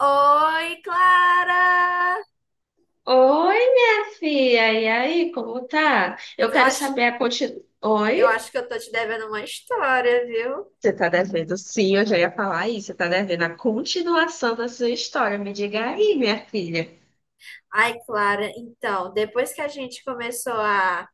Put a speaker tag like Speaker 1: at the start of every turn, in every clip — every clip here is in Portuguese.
Speaker 1: Oi, Clara!
Speaker 2: Oi, minha filha, e aí, como tá?
Speaker 1: Eu
Speaker 2: Eu quero
Speaker 1: acho,
Speaker 2: saber a continuação.
Speaker 1: eu
Speaker 2: Oi?
Speaker 1: acho que eu tô te devendo uma história, viu?
Speaker 2: Você tá devendo? Sim, eu já ia falar isso. Você tá devendo a continuação da sua história. Me diga aí, minha filha.
Speaker 1: Ai, Clara, então, depois que a gente começou a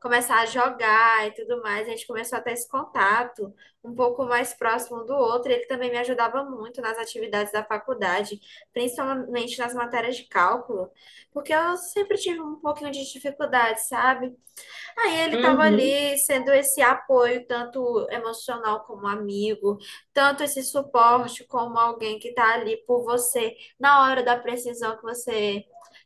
Speaker 1: começar a jogar e tudo mais, a gente começou a ter esse contato um pouco mais próximo um do outro. Ele também me ajudava muito nas atividades da faculdade, principalmente nas matérias de cálculo, porque eu sempre tive um pouquinho de dificuldade, sabe? Aí ele estava
Speaker 2: Uhum.
Speaker 1: ali sendo esse apoio, tanto emocional como amigo, tanto esse suporte como alguém que está ali por você na hora da precisão que você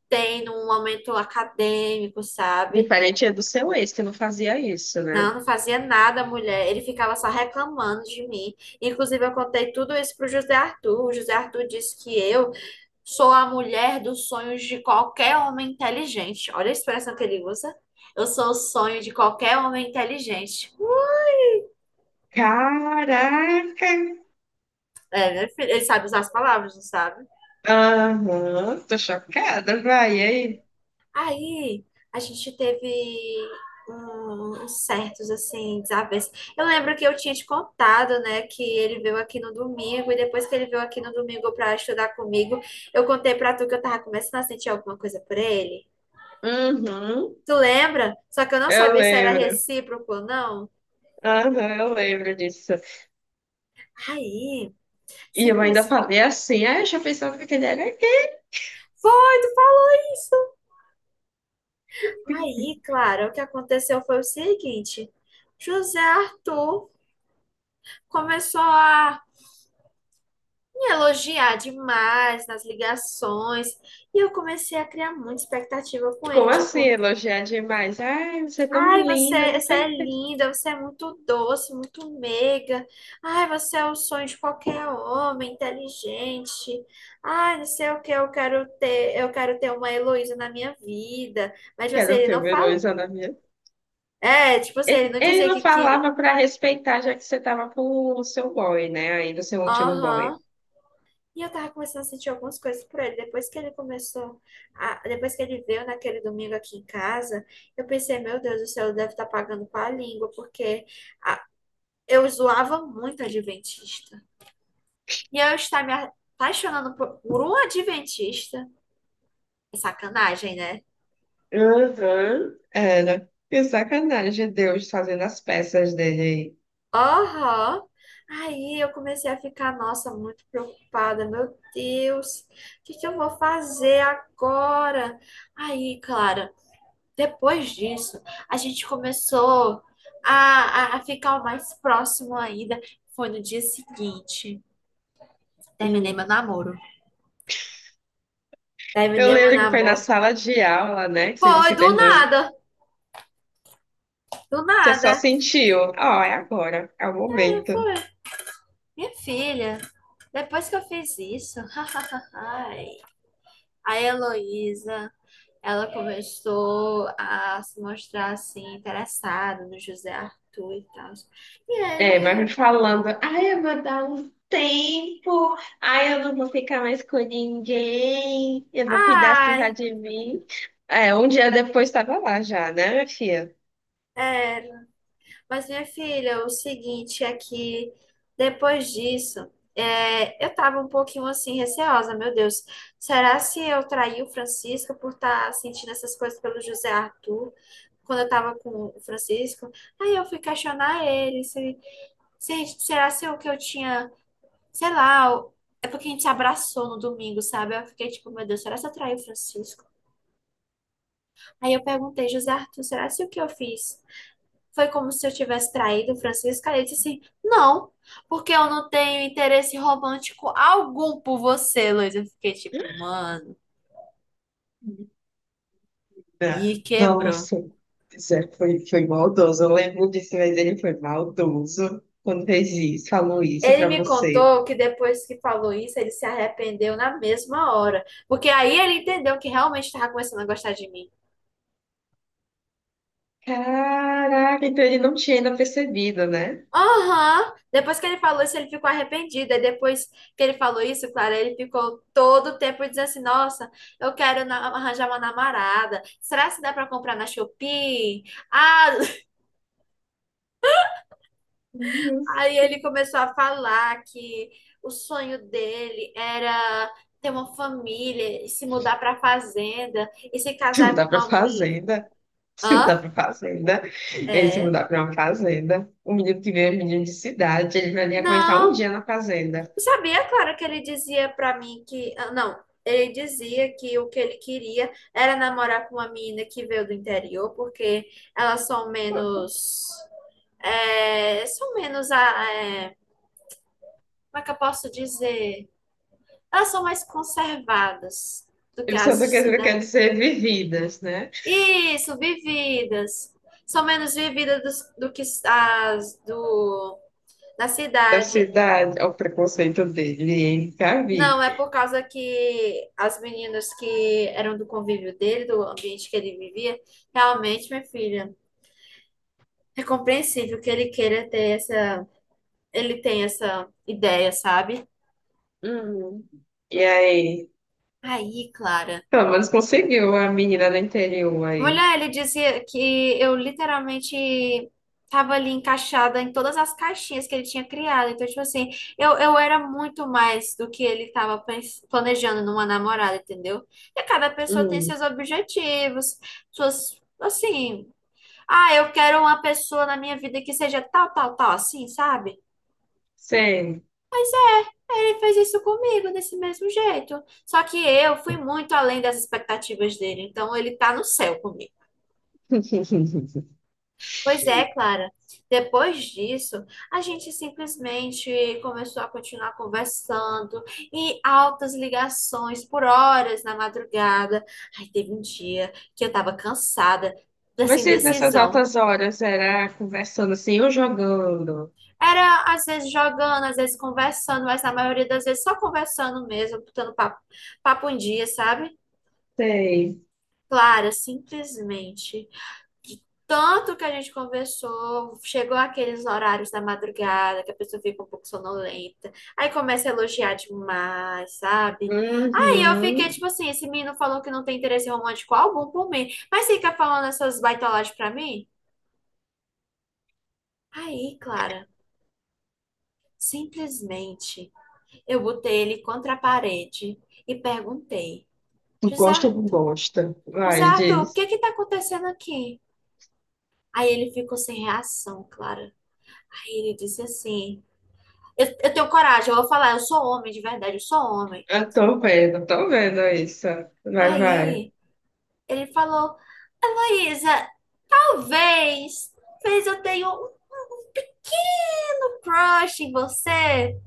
Speaker 1: tem num momento acadêmico, sabe?
Speaker 2: Diferente do seu ex, que não fazia isso, né?
Speaker 1: Não, não fazia nada, mulher. Ele ficava só reclamando de mim. Inclusive, eu contei tudo isso pro José Arthur. O José Arthur disse que eu sou a mulher dos sonhos de qualquer homem inteligente. Olha a expressão que ele usa. Eu sou o sonho de qualquer homem inteligente.
Speaker 2: Caraca!
Speaker 1: É, né, filho? Ele sabe usar as palavras, não sabe?
Speaker 2: Aham, tô chocada, vai, e aí?
Speaker 1: Aí a gente teve uns certos, assim, desavenças. Eu lembro que eu tinha te contado, né, que ele veio aqui no domingo, e depois que ele veio aqui no domingo pra estudar comigo, eu contei pra tu que eu tava começando a sentir alguma coisa por ele.
Speaker 2: Uhum,
Speaker 1: Tu lembra? Só que eu não
Speaker 2: eu
Speaker 1: sabia se era
Speaker 2: lembro.
Speaker 1: recíproco ou não.
Speaker 2: Aham, eu lembro disso.
Speaker 1: Aí,
Speaker 2: E eu ainda
Speaker 1: simples.
Speaker 2: falei assim, ah, eu já pensava que ele era gay.
Speaker 1: Aí, Clara, o que aconteceu foi o seguinte: José Arthur começou a me elogiar demais nas ligações. E eu comecei a criar muita expectativa com ele,
Speaker 2: Como assim
Speaker 1: tipo,
Speaker 2: elogiar demais? Ai, você é tão
Speaker 1: ai,
Speaker 2: linda,
Speaker 1: você,
Speaker 2: tão
Speaker 1: você é
Speaker 2: perfeita.
Speaker 1: linda, você é muito doce, muito meiga. Ai, você é o sonho de qualquer homem, inteligente. Ai, não sei o que, eu quero ter uma Heloísa na minha vida. Mas tipo
Speaker 2: Que
Speaker 1: assim,
Speaker 2: era o
Speaker 1: ele não
Speaker 2: filme
Speaker 1: fala.
Speaker 2: elogiando a minha.
Speaker 1: É, tipo assim, ele não
Speaker 2: Ele
Speaker 1: dizia
Speaker 2: não
Speaker 1: que queria.
Speaker 2: falava pra respeitar, já que você tava com o seu boy, né? Ainda o seu último boy.
Speaker 1: Aham. E eu tava começando a sentir algumas coisas por ele. Depois que ele veio naquele domingo aqui em casa, eu pensei, meu Deus do céu, ele deve estar pagando com a língua, porque a- eu zoava muito adventista. E eu estar me apaixonando por um adventista. É sacanagem, né?
Speaker 2: Uhum. Era. Que sacanagem, Deus fazendo as peças dele. Aí.
Speaker 1: Aham. Aí eu comecei a ficar, nossa, muito preocupada. Meu Deus, o que que eu vou fazer agora? Aí, claro. Depois disso, a gente começou a ficar mais próximo ainda. Foi no dia seguinte. Terminei meu
Speaker 2: Hum.
Speaker 1: namoro.
Speaker 2: Eu
Speaker 1: Terminei meu
Speaker 2: lembro que foi na
Speaker 1: namoro.
Speaker 2: sala de aula, né? Que você
Speaker 1: Foi
Speaker 2: disse que
Speaker 1: do
Speaker 2: terminou.
Speaker 1: nada. Do
Speaker 2: Você só
Speaker 1: nada.
Speaker 2: sentiu. Ó, é agora, é o momento.
Speaker 1: Foi. Minha filha, depois que eu fiz isso, a Heloísa, ela começou a se mostrar assim, interessada no José Arthur e tal. E
Speaker 2: É, mas me
Speaker 1: ele,
Speaker 2: falando, ai, eu vou dar um tempo, ai, eu não vou ficar mais com ninguém, eu vou cuidar assim só
Speaker 1: ai,
Speaker 2: de mim. É, um dia depois estava lá já, né, minha filha?
Speaker 1: é, mas, minha filha, o seguinte é que depois disso, é, eu tava um pouquinho assim, receosa, meu Deus. Será se eu traí o Francisco por estar sentindo essas coisas pelo José Arthur, quando eu tava com o Francisco? Aí eu fui questionar ele, se, será se o que eu tinha, sei lá, é porque a gente se abraçou no domingo, sabe? Eu fiquei tipo, meu Deus, será se eu traí o Francisco? Aí eu perguntei, José Arthur, será se o que eu fiz? Foi como se eu tivesse traído Francisca. Ele disse assim: Não, porque eu não tenho interesse romântico algum por você, Luiz. Eu fiquei tipo, mano,
Speaker 2: Não.
Speaker 1: me quebrou.
Speaker 2: Nossa, Zé foi, foi maldoso. Eu lembro disso, mas ele foi maldoso quando fez isso, falou isso
Speaker 1: Ele
Speaker 2: pra
Speaker 1: me
Speaker 2: você.
Speaker 1: contou que depois que falou isso, ele se arrependeu na mesma hora. Porque aí ele entendeu que realmente estava começando a gostar de mim.
Speaker 2: Caraca, então ele não tinha ainda percebido, né?
Speaker 1: Aham. Depois que ele falou isso, ele ficou arrependido. E depois que ele falou isso, claro, ele ficou todo o tempo dizendo assim: Nossa, eu quero arranjar uma namorada. Será que dá para comprar na Shopee? Ah,
Speaker 2: Uhum.
Speaker 1: aí ele começou a falar que o sonho dele era ter uma família, e se mudar para fazenda e se
Speaker 2: Você
Speaker 1: casar
Speaker 2: mudar
Speaker 1: com
Speaker 2: pra
Speaker 1: uma mulher.
Speaker 2: fazenda. Se mudar
Speaker 1: Hã?
Speaker 2: pra fazenda. Ele se
Speaker 1: É.
Speaker 2: mudar pra uma fazenda. O menino que veio é um menino de cidade, ele vai nem aguentar um
Speaker 1: Não.
Speaker 2: dia na fazenda.
Speaker 1: Sabia, claro que ele dizia pra mim que. Ah, não, ele dizia que o que ele queria era namorar com uma menina que veio do interior, porque elas são
Speaker 2: Pronto.
Speaker 1: menos. É, são menos. Ah, é, como é que eu posso dizer? Elas são mais conservadas do
Speaker 2: E
Speaker 1: que
Speaker 2: o
Speaker 1: as
Speaker 2: Santa
Speaker 1: de
Speaker 2: Catarina quer
Speaker 1: cidade.
Speaker 2: dizer vividas, né?
Speaker 1: Isso, vividas. São menos vividas que as da
Speaker 2: Da
Speaker 1: cidade.
Speaker 2: cidade, ao preconceito dele, hein? Já vi.
Speaker 1: Não, é por causa que as meninas que eram do convívio dele, do ambiente que ele vivia, realmente, minha filha, é compreensível que ele queira ter essa, ele tem essa ideia, sabe?
Speaker 2: Hum. E aí,
Speaker 1: Aí, Clara.
Speaker 2: pelo menos conseguiu a menina do interior aí.
Speaker 1: Mulher, ele dizia que eu literalmente tava ali encaixada em todas as caixinhas que ele tinha criado. Então, tipo assim, eu era muito mais do que ele tava planejando numa namorada, entendeu? E cada pessoa tem
Speaker 2: Hum,
Speaker 1: seus objetivos, suas, assim. Ah, eu quero uma pessoa na minha vida que seja tal, tal, tal, assim, sabe?
Speaker 2: sei.
Speaker 1: Ele fez isso comigo desse mesmo jeito. Só que eu fui muito além das expectativas dele, então ele tá no céu comigo. Pois é, Clara. Depois disso, a gente simplesmente começou a continuar conversando e altas ligações por horas na madrugada. Aí teve um dia que eu tava cansada dessa
Speaker 2: Mas vocês nessas
Speaker 1: indecisão.
Speaker 2: altas horas era conversando assim ou jogando?
Speaker 1: Era às vezes jogando, às vezes conversando, mas na maioria das vezes só conversando mesmo, botando papo em dia, sabe?
Speaker 2: Sei.
Speaker 1: Clara, simplesmente. Tanto que a gente conversou, chegou aqueles horários da madrugada, que a pessoa fica um pouco sonolenta, aí começa a elogiar demais, sabe? Aí eu fiquei
Speaker 2: Uhum.
Speaker 1: tipo assim: esse menino falou que não tem interesse romântico algum por mim, mas fica falando essas baitolagens pra mim? Aí, Clara, simplesmente. Eu botei ele contra a parede e perguntei: José,
Speaker 2: Gosta
Speaker 1: Ar-
Speaker 2: ou não gosta?
Speaker 1: José
Speaker 2: Vai,
Speaker 1: Arthur, o que
Speaker 2: diz.
Speaker 1: é que tá acontecendo aqui? Aí ele ficou sem reação, Clara. Aí ele disse assim: Eu tenho coragem, eu vou falar, eu sou homem de verdade, eu sou homem.
Speaker 2: Eu tô vendo isso. Vai, vai.
Speaker 1: Aí ele falou: Heloísa, talvez, talvez eu tenha um pequeno crush em você.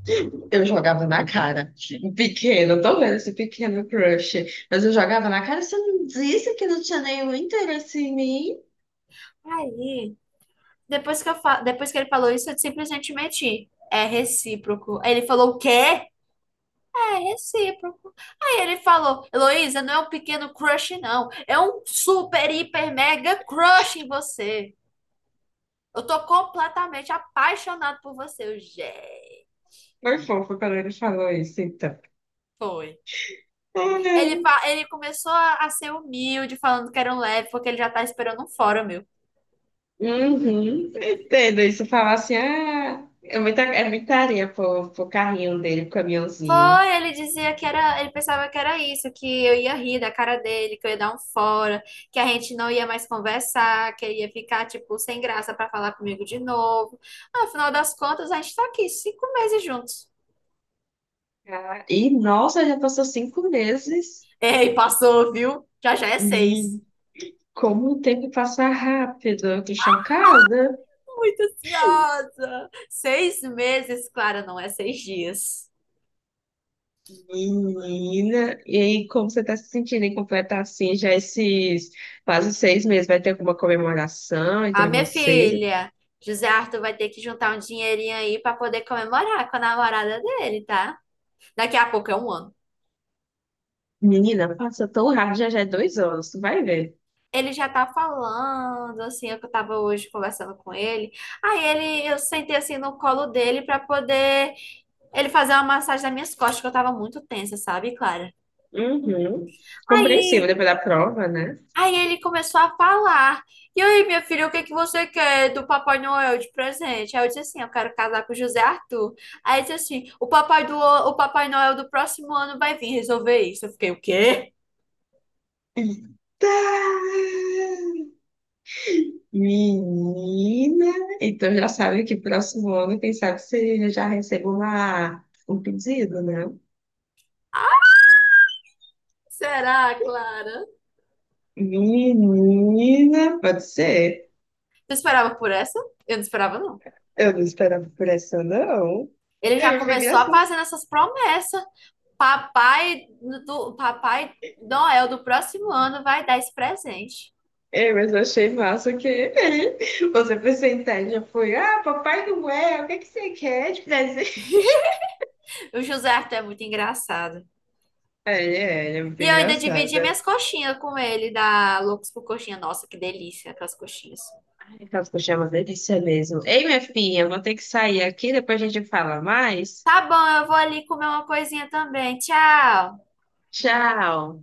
Speaker 2: Eu jogava na cara. Um pequeno, tô vendo esse pequeno crush. Mas eu jogava na cara, você não disse que não tinha nenhum interesse em mim?
Speaker 1: Aí, depois que, eu depois que ele falou isso, eu simplesmente menti. É recíproco. Aí ele falou: O quê? É recíproco. Aí ele falou: Heloísa, não é um pequeno crush, não. É um super, hiper, mega crush em você. Eu tô completamente apaixonado por você. Eu, gente.
Speaker 2: Foi fofo quando ele falou isso, então.
Speaker 1: Foi.
Speaker 2: Ai.
Speaker 1: Ele, ele começou a ser humilde, falando que era um leve, porque ele já tá esperando um fórum meu.
Speaker 2: Uhum. Entendo isso. Falar assim, ah, é muita areia pro, pro carrinho dele, pro caminhãozinho.
Speaker 1: Foi, ele dizia que era, ele pensava que era isso, que eu ia rir da cara dele, que eu ia dar um fora, que a gente não ia mais conversar, que ele ia ficar, tipo, sem graça pra falar comigo de novo. Afinal das contas, a gente tá aqui 5 meses juntos.
Speaker 2: Ah, e, nossa, já passou 5 meses.
Speaker 1: Ei, passou, viu? Já já é seis.
Speaker 2: Como o tempo passa rápido, eu tô chocada.
Speaker 1: Muito ansiosa. 6 meses, Clara, não é 6 dias.
Speaker 2: Menina, e aí, como você tá se sentindo em completar assim já esses quase 6 meses? Vai ter alguma comemoração
Speaker 1: Ah,
Speaker 2: entre
Speaker 1: minha
Speaker 2: vocês?
Speaker 1: filha, José Arthur vai ter que juntar um dinheirinho aí pra poder comemorar com a namorada dele, tá? Daqui a pouco é um ano.
Speaker 2: Menina, passa tão rápido, já já é 2 anos, tu vai ver.
Speaker 1: Ele já tá falando, assim, eu que tava hoje conversando com ele. Aí ele, eu sentei assim no colo dele pra poder ele fazer uma massagem nas minhas costas, que eu tava muito tensa, sabe, Clara?
Speaker 2: Uhum. Compreensível
Speaker 1: Aí,
Speaker 2: depois da prova, né?
Speaker 1: aí ele começou a falar. E aí, minha filha, o que que você quer do Papai Noel de presente? Aí eu disse assim, eu quero casar com o José Arthur. Aí ele disse assim, o Papai Noel do próximo ano vai vir resolver isso. Eu fiquei, o quê?
Speaker 2: Tá. Menina, então já sabe que próximo ano, quem sabe você já recebe uma, um pedido, né?
Speaker 1: Será, Clara?
Speaker 2: Menina, pode ser.
Speaker 1: Tu esperava por essa? Eu não esperava, não.
Speaker 2: Eu não esperava por essa, não.
Speaker 1: Ele já
Speaker 2: Eu fiquei
Speaker 1: começou a
Speaker 2: assim.
Speaker 1: fazer essas promessas. Papai papai Noel do próximo ano vai dar esse presente.
Speaker 2: É, mas eu achei massa que você foi sentar e já foi. Ah, Papai Noel, o que que você quer de presente?
Speaker 1: O José Arthur é muito engraçado.
Speaker 2: É, é, ele é muito
Speaker 1: E eu ainda dividi
Speaker 2: engraçada.
Speaker 1: minhas coxinhas com ele, da Loucos por Coxinha. Nossa, que delícia aquelas coxinhas.
Speaker 2: Ai, aquelas coxinhas é uma delícia mesmo. Ei, minha filha, eu vou ter que sair aqui, depois a gente fala mais.
Speaker 1: Tá bom, eu vou ali comer uma coisinha também. Tchau.
Speaker 2: Tchau.